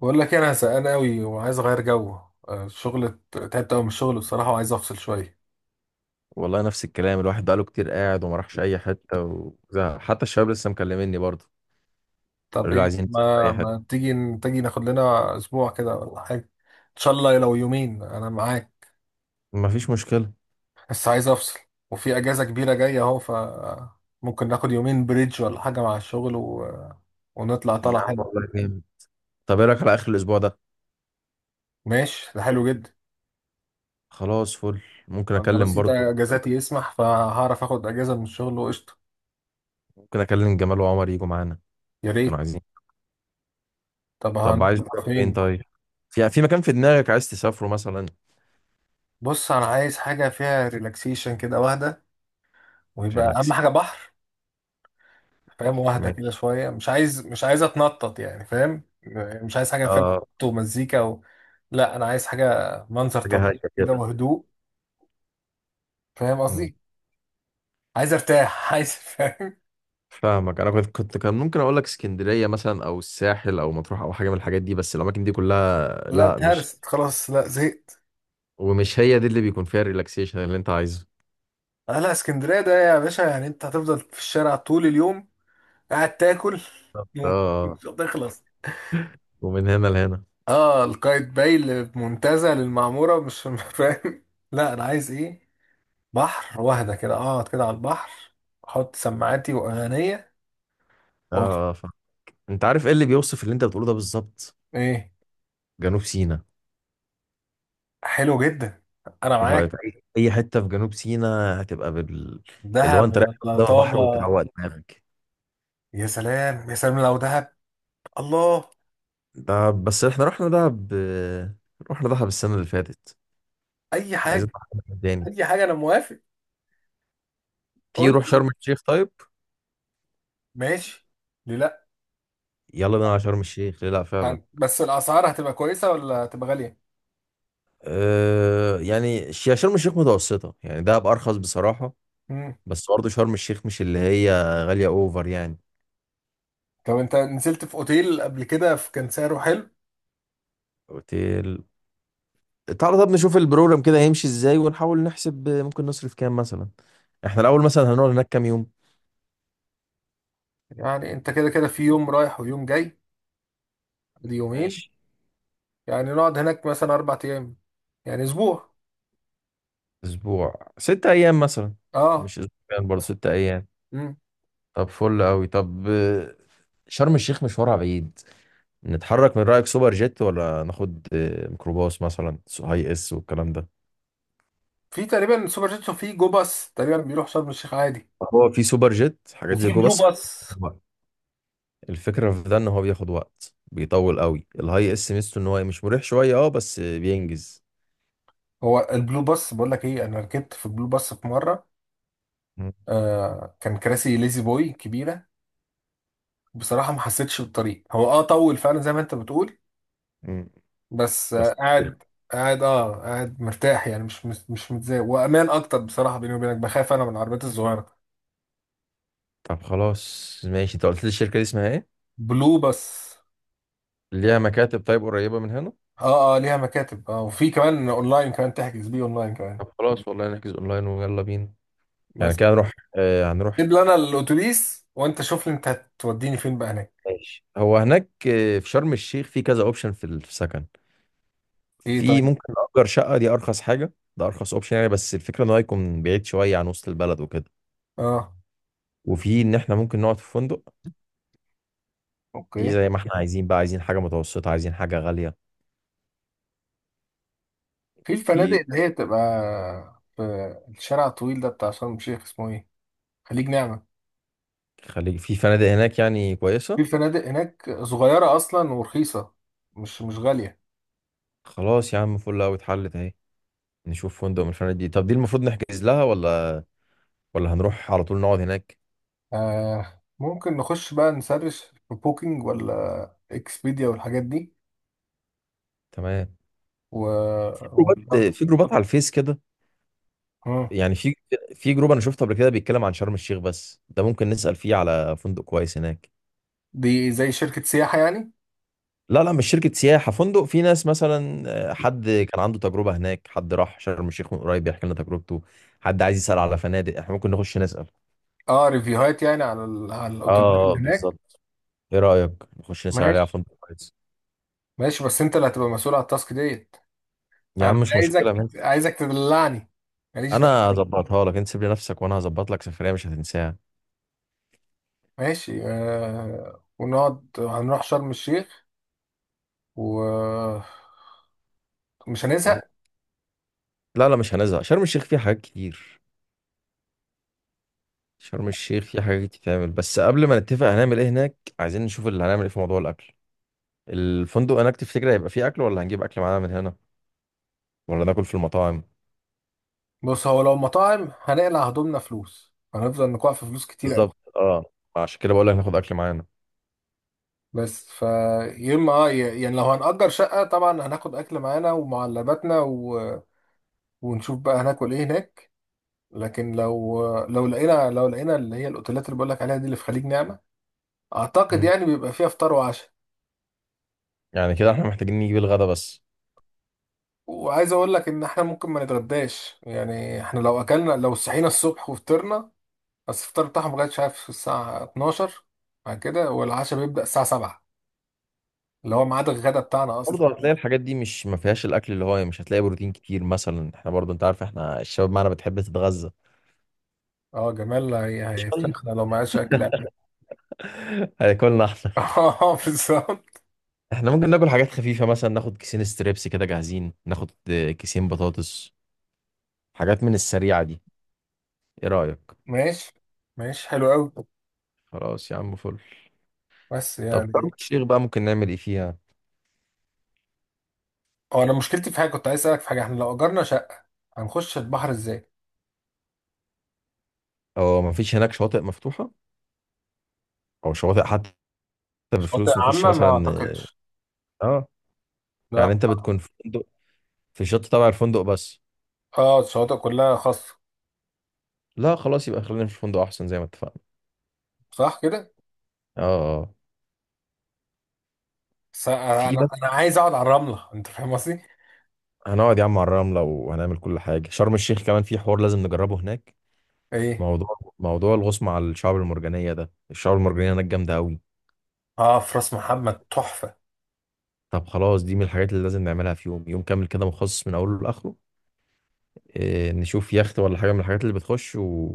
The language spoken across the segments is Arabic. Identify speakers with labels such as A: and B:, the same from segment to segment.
A: بقول لك إيه، انا زهقان قوي وعايز اغير جو. الشغل تعبت قوي من الشغل بصراحه وعايز افصل شويه.
B: والله نفس الكلام، الواحد بقاله كتير قاعد وما راحش اي حته، وزهق. حتى الشباب لسه مكلميني برضه.
A: طب
B: قالوا لي
A: ايه
B: عايزين نسافر
A: ما
B: اي حته.
A: ما تيجي ناخد لنا اسبوع كده ولا حاجه؟ ان شاء الله لو يومين انا معاك.
B: ما فيش مشكله.
A: بس عايز افصل. وفي اجازه كبيره جايه اهو ممكن ناخد يومين بريدج ولا حاجه مع الشغل ونطلع
B: يا
A: طلع
B: عم
A: حلو.
B: والله جامد. طب ايه رايك على اخر الاسبوع ده؟
A: ماشي ده حلو جدا.
B: خلاص، فل. ممكن
A: انا
B: اكلم
A: رصيد
B: برضه،
A: اجازاتي يسمح فهعرف اخد اجازه من الشغل وقشطه.
B: ممكن اكلم جمال وعمر يجوا معانا.
A: يا
B: كانوا
A: ريت.
B: عايزين.
A: طب
B: طب عايز
A: هنطلع
B: تروح فين
A: فين؟
B: طيب؟ في مكان في دماغك عايز تسافره مثلا؟
A: بص انا عايز حاجه فيها ريلاكسيشن كده واحده ويبقى اهم
B: ريلاكس.
A: حاجه بحر. فاهم
B: بحر،
A: واحده كده
B: ماشي.
A: شويه مش عايز اتنطط يعني فاهم. مش عايز حاجه فيها
B: اه.
A: خبط ومزيكا لا انا عايز حاجه منظر
B: حاجه هاديه
A: طبيعي كده
B: كده.
A: وهدوء. فاهم
B: مم.
A: قصدي. عايز ارتاح عايز فاهم.
B: فاهمك. انا كنت كنت كان ممكن اقول لك اسكندريه مثلا، او الساحل، او مطروح، او حاجه من الحاجات دي، بس الاماكن دي كلها
A: لا
B: لا، مش.
A: اتهرست خلاص لا زهقت.
B: ومش هي دي اللي بيكون فيها الريلاكسيشن اللي انت عايزه.
A: آه لا اسكندريه ده يا باشا يعني انت هتفضل في الشارع طول اليوم قاعد تاكل
B: اه،
A: نوم مش هتخلص.
B: ومن هنا لهنا.
A: اه القايتباي المنتزه للمعموره مش فاهم. لا انا عايز ايه؟ بحر واحدة كده اقعد كده على البحر احط سماعاتي واغانية و...
B: اه، اه، فاهم. انت عارف ايه اللي بيوصف اللي انت بتقوله ده بالظبط؟
A: ايه
B: جنوب سيناء.
A: حلو جدا انا
B: ايه رايك؟
A: معاك.
B: اي أي حته في جنوب سيناء هتبقى بال... اللي هو انت
A: دهب
B: رايح
A: ولا
B: قدام البحر
A: طابة؟
B: وتروق دماغك.
A: يا سلام يا سلام لو دهب. الله.
B: ده بس احنا رحنا دهب، رحنا دهب السنه اللي فاتت،
A: اي
B: عايزين
A: حاجة.
B: نروح دهب تاني.
A: اي حاجة انا موافق.
B: تيجي
A: قول.
B: نروح شرم الشيخ طيب.
A: ماشي. ليه لا.
B: يلا بينا على شرم الشيخ، ليه لا فعلا.
A: بس الاسعار هتبقى كويسة ولا هتبقى غالية؟
B: أه يعني شرم الشيخ متوسطه يعني، دهب ارخص بصراحه.
A: مم.
B: بس برضه شرم الشيخ مش اللي هي غالية اوفر يعني.
A: طب انت نزلت في اوتيل قبل كده كان سعره حلو.
B: اوتيل. تعالى طب نشوف البروجرام كده هيمشي ازاي ونحاول نحسب ممكن نصرف كام مثلا. احنا الاول مثلا هنقعد هناك كام يوم؟
A: يعني انت كده كده في يوم رايح ويوم جاي دي يومين.
B: ماشي.
A: يعني نقعد هناك مثلا اربع ايام يعني اسبوع.
B: اسبوع، ست ايام مثلا.
A: اه.
B: مش اسبوعين، برضه ست ايام.
A: مم.
B: طب فل قوي. طب شرم الشيخ مشوارها بعيد. نتحرك من رأيك سوبر جيت، ولا ناخد ميكروباص مثلا هاي اس والكلام ده؟
A: في تقريبا سوبر جيتسو في جو باص تقريبا بيروح شرم الشيخ عادي.
B: هو في سوبر جيت حاجات زي
A: وفي
B: جو
A: بلو
B: بس.
A: باص.
B: الفكرة في ده ان هو بياخد وقت بيطول قوي. الهاي اس ميزته ان هو مش مريح شوية اه، بس بينجز.
A: هو البلو باص بقول لك ايه انا ركبت في بلو باص في مره.
B: مم.
A: آه كان كراسي ليزي بوي كبيره. بصراحه ما حسيتش بالطريق هو اه طول فعلا زي ما انت بتقول.
B: مم.
A: بس آه
B: بس.
A: قاعد قاعد اه قاعد مرتاح يعني مش متضايق وامان اكتر بصراحه بيني وبينك بخاف انا من العربيات الصغيره.
B: طب خلاص ماشي، انت قلت لي الشركة دي اسمها ايه؟
A: بلو باص.
B: ليها مكاتب طيب قريبة من هنا؟
A: اه اه ليها مكاتب اه وفي كمان اونلاين كمان تحجز بيه اونلاين كمان.
B: طب خلاص والله نحجز اونلاين ويلا بينا. يعني
A: بس
B: كده هنروح، آه، هنروح.
A: جيب لي انا الاتوبيس وانت شوف لي انت هتوديني فين بقى هناك.
B: ماشي. هو هناك آه، في شرم الشيخ في كذا اوبشن في السكن.
A: ايه
B: في
A: طيب.
B: ممكن نأجر شقة، دي ارخص حاجة، ده ارخص اوبشن يعني، بس الفكرة ان هو يكون بعيد شوية عن وسط البلد وكده.
A: اه.
B: وفي ان احنا ممكن نقعد في فندق. دي
A: اوكي.
B: زي ما احنا عايزين بقى، عايزين حاجة متوسطة، عايزين حاجة غالية.
A: في الفنادق
B: في.
A: اللي هي بتبقى في الشارع الطويل ده بتاع شرم الشيخ اسمه ايه؟ خليج نعمة.
B: خليج. في فنادق هناك يعني كويسة.
A: في فنادق هناك صغيرة اصلا ورخيصة مش مش غالية.
B: خلاص يا عم، فل قوي، اتحلت اهي. نشوف فندق من الفنادق دي. طب دي المفروض نحجز لها، ولا ولا هنروح على طول نقعد هناك؟
A: آه ممكن نخش بقى نسرش في بوكينج ولا اكسبيديا والحاجات دي
B: تمام.
A: و...
B: في
A: و...
B: جروبات في جروبات على الفيس كده.
A: آه.
B: يعني في جروب انا شفته قبل كده بيتكلم عن شرم الشيخ، بس ده ممكن نسأل فيه على فندق كويس هناك.
A: دي زي شركة سياحة يعني.
B: لا لا، مش شركة سياحة، فندق. في ناس مثلا حد كان عنده تجربة هناك، حد راح شرم الشيخ من قريب بيحكي لنا تجربته، حد عايز يسأل على فنادق، احنا ممكن نخش نسأل.
A: اه ريفيوهات يعني على على الاوتيلات
B: اه
A: اللي هناك.
B: بالظبط. ايه رأيك؟ نخش نسأل عليها
A: ماشي
B: فندق كويس.
A: ماشي بس انت اللي هتبقى مسؤول على التاسك ديت.
B: يا عم
A: انا
B: مش مشكلة،
A: عايزك
B: ماشي.
A: عايزك تدلعني. ماليش
B: انا
A: دعوه.
B: هظبطها لك، انت سيب لي نفسك وانا هظبط لك سفرية مش هتنساها.
A: ماشي ونقعد هنروح شرم الشيخ ومش هنزهق.
B: لا لا، مش هنزهق. شرم الشيخ فيها حاجات كتير، شرم الشيخ فيها حاجات تتعمل، بس قبل ما نتفق هنعمل ايه هناك، عايزين نشوف اللي هنعمل ايه في موضوع الاكل. الفندق هناك تفتكر هيبقى فيه اكل، ولا هنجيب اكل معانا من هنا، ولا ناكل في المطاعم؟
A: بص هو لو مطاعم هنقلع هدومنا فلوس هنفضل نقع في فلوس كتير قوي.
B: بالظبط اه. عشان كده بقول لك ناخد اكل معانا.
A: بس يا اما اه يعني لو هنأجر شقة طبعا هناخد أكل معانا ومعلباتنا ونشوف بقى هناكل إيه هناك. لكن لو لقينا لقينا اللي هي الأوتيلات اللي بقولك عليها دي اللي في خليج نعمة أعتقد
B: مم.
A: يعني بيبقى فيها فطار وعشاء.
B: يعني كده احنا محتاجين نجيب الغدا بس.
A: وعايز اقول لك ان احنا ممكن ما نتغداش يعني احنا لو اكلنا لو صحينا الصبح وفطرنا بس الفطار بتاعهم لغايه شايف الساعه 12 بعد كده والعشاء بيبدا الساعه 7 اللي هو ميعاد الغدا بتاعنا اصلا.
B: برضه هتلاقي الحاجات دي مش ما فيهاش الاكل اللي هو، مش هتلاقي بروتين كتير مثلا، احنا برضه انت عارف احنا الشباب معانا بتحب تتغذى.
A: اه جمال
B: شوية.
A: هيفشخنا لو ما عادش اكل قبل
B: هياكلنا احنا.
A: اه بالظبط.
B: احنا ممكن ناكل حاجات خفيفة مثلا، ناخد كيسين ستريبس كده جاهزين، ناخد كيسين بطاطس، حاجات من السريعة دي. ايه رأيك؟
A: ماشي ماشي حلو قوي.
B: خلاص يا عم فل.
A: بس
B: طب شرم
A: يعني
B: الشيخ بقى ممكن نعمل ايه فيها؟
A: هو انا مشكلتي في حاجه كنت عايز اسالك في حاجه احنا لو اجرنا شقه هنخش البحر ازاي؟
B: او ما فيش هناك شواطئ مفتوحة؟ او شواطئ حتى
A: شواطئ
B: بفلوس نخش
A: عامه ما
B: مثلا؟
A: اعتقدش.
B: اه. يعني
A: لا.
B: انت بتكون في فندق، في الشط تبع الفندق بس.
A: اه الشواطئ كلها خاصه.
B: لا خلاص، يبقى خلينا في الفندق احسن زي ما اتفقنا.
A: صح كده.
B: اه اه.
A: بس انا
B: في
A: انا
B: بقى،
A: أنا عايز اقعد على الرمله انت فاهم قصدي.
B: هنقعد يا عم على الرملة وهنعمل كل حاجة. شرم الشيخ كمان في حوار لازم نجربه هناك.
A: ايه.
B: موضوع موضوع الغوص مع الشعاب المرجانية ده، الشعاب المرجانية هناك جامدة أوي.
A: اه في راس محمد تحفه.
B: طب خلاص، دي من الحاجات اللي لازم نعملها، في يوم كامل كده مخصص من أوله لآخره. إيه، نشوف يخت ولا حاجة من الحاجات اللي بتخش و...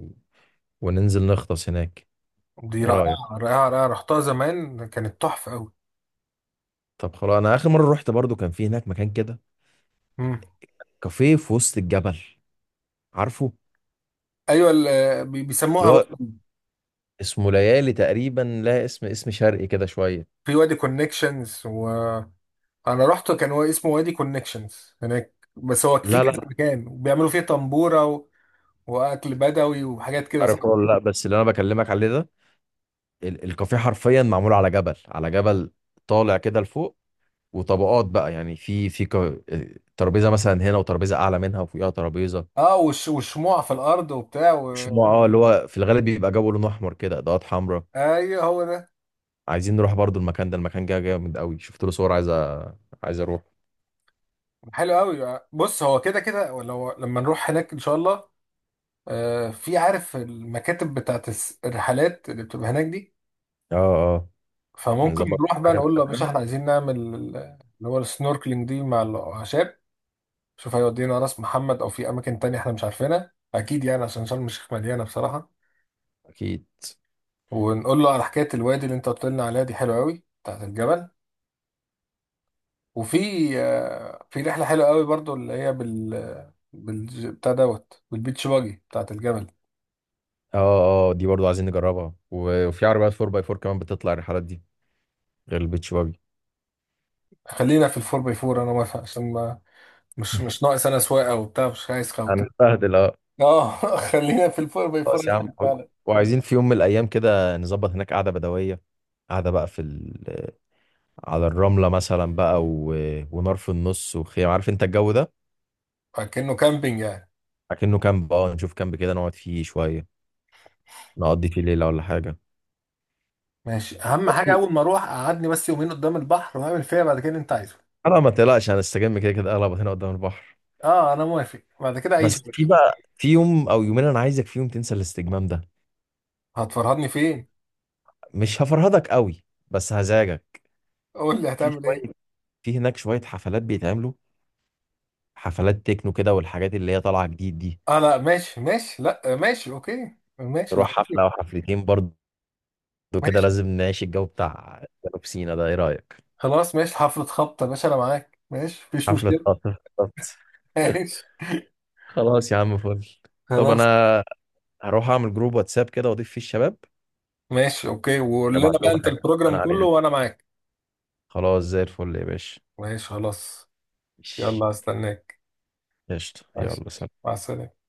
B: وننزل نغطس هناك.
A: دي
B: إيه
A: رائعه.
B: رأيك؟
A: رائعه رائعه رحتها زمان كانت تحفه قوي.
B: طب خلاص، أنا آخر مرة رحت برضو كان في هناك مكان كده،
A: امم.
B: كافيه في وسط الجبل، عارفه؟
A: ايوه بيسموها
B: اللي هو اسمه ليالي تقريبا، لا اسم شرقي كده شوية.
A: في وادي كونكشنز وانا رحت كان هو اسمه وادي كونكشنز هناك بس هو في
B: لا
A: كذا
B: لا،
A: مكان وبيعملوا فيه طنبوره واكل بدوي وحاجات كده
B: عارفه
A: صح.
B: ولا لا، بس اللي أنا بكلمك عليه ده، الكافيه حرفيا معمول على جبل، على جبل طالع كده لفوق، وطبقات بقى، يعني في في ترابيزه مثلا هنا وترابيزه اعلى منها وفوقها ترابيزه.
A: اه وشموع في الارض وبتاع
B: مش نوع اه اللي هو في الغالب بيبقى جو لون احمر كده، اضاءات حمراء.
A: ايوه هو ده.
B: عايزين نروح برضو المكان ده، المكان جه جامد قوي، شفت له صور، عايز عايز اروح.
A: حلو قوي. بص هو كده كده لو لما نروح هناك ان شاء الله في عارف المكاتب بتاعت الرحلات اللي بتبقى هناك دي.
B: اه اه.
A: فممكن
B: نظبط
A: نروح بقى
B: حاجه
A: نقول له يا باشا
B: لحاجة.
A: احنا عايزين نعمل اللي هو السنوركلينج دي مع الاعشاب. شوف هيودينا راس محمد او في اماكن تانية احنا مش عارفينها اكيد يعني عشان شرم الشيخ مليانه بصراحه.
B: اكيد.
A: ونقول له على حكايه الوادي اللي انت قلت لنا عليها دي حلوه قوي بتاعت الجبل. وفي في رحله حلوه قوي برضو اللي هي بال بتاع دوت بالبيتش باجي بتاعت الجبل.
B: اه اه، دي برضو عايزين نجربها وفي عربيات 4x4 كمان بتطلع الرحلات دي، غير البيتش باجي.
A: خلينا في الفور باي فور انا موافق عشان ما مش مش ناقص انا سواقه وبتاع مش عايز خوت.
B: هنستهدل اه.
A: اه خلينا في الفور باي فور
B: خلاص يا عم
A: أحسن
B: حلو.
A: فعلا.
B: وعايزين في يوم من الايام كده نظبط هناك قعده بدويه، قعده بقى في ال... على الرمله مثلا بقى و... ونار في النص وخيام، عارف انت الجو ده.
A: كأنه كامبينج يعني.
B: اكنه كامب، اه نشوف كامب كده نقعد فيه شويه، نقضي فيه ليله ولا حاجه.
A: ماشي اهم حاجه
B: برضو
A: اول ما اروح اقعدني بس يومين قدام البحر واعمل فيها بعد كده اللي انت عايزه.
B: انا ما تقلقش، هنستجم كده كده اغلب هنا قدام البحر.
A: اه انا موافق بعد كده عيش يا
B: بس في
A: باشا.
B: بقى، في يوم او يومين انا عايزك فيهم تنسى الاستجمام ده.
A: هتفرهدني فين؟
B: مش هفرهدك قوي، بس هزعجك.
A: قول لي
B: في
A: هتعمل ايه.
B: شويه، في هناك شويه حفلات بيتعملوا، حفلات تكنو كده والحاجات اللي هي طالعه جديد دي.
A: اه لا ماشي ماشي لا ماشي اوكي ماشي لو
B: نروح حفلة
A: حبيت.
B: أو حفلتين برضه، لو كده
A: ماشي
B: لازم نعيش الجو بتاع جنوب سينا ده. ايه رأيك؟
A: خلاص ماشي حفله خبطه يا باشا انا معاك ماشي مفيش
B: حفلة
A: مشكله.
B: خطف بالظبط.
A: ماشي
B: خلاص يا عم فل. طب
A: خلاص.
B: انا هروح اعمل جروب واتساب كده واضيف فيه الشباب،
A: ماشي اوكي وقول لنا
B: نبعت
A: بقى
B: لهم
A: انت
B: حاجة
A: البروجرام
B: انا
A: كله
B: عليها.
A: وانا معاك.
B: خلاص زي الفل يا باشا.
A: ماشي خلاص.
B: ماشي.
A: يلا هستناك.
B: قشطة،
A: ماشي
B: يلا سلام.
A: مع السلامه.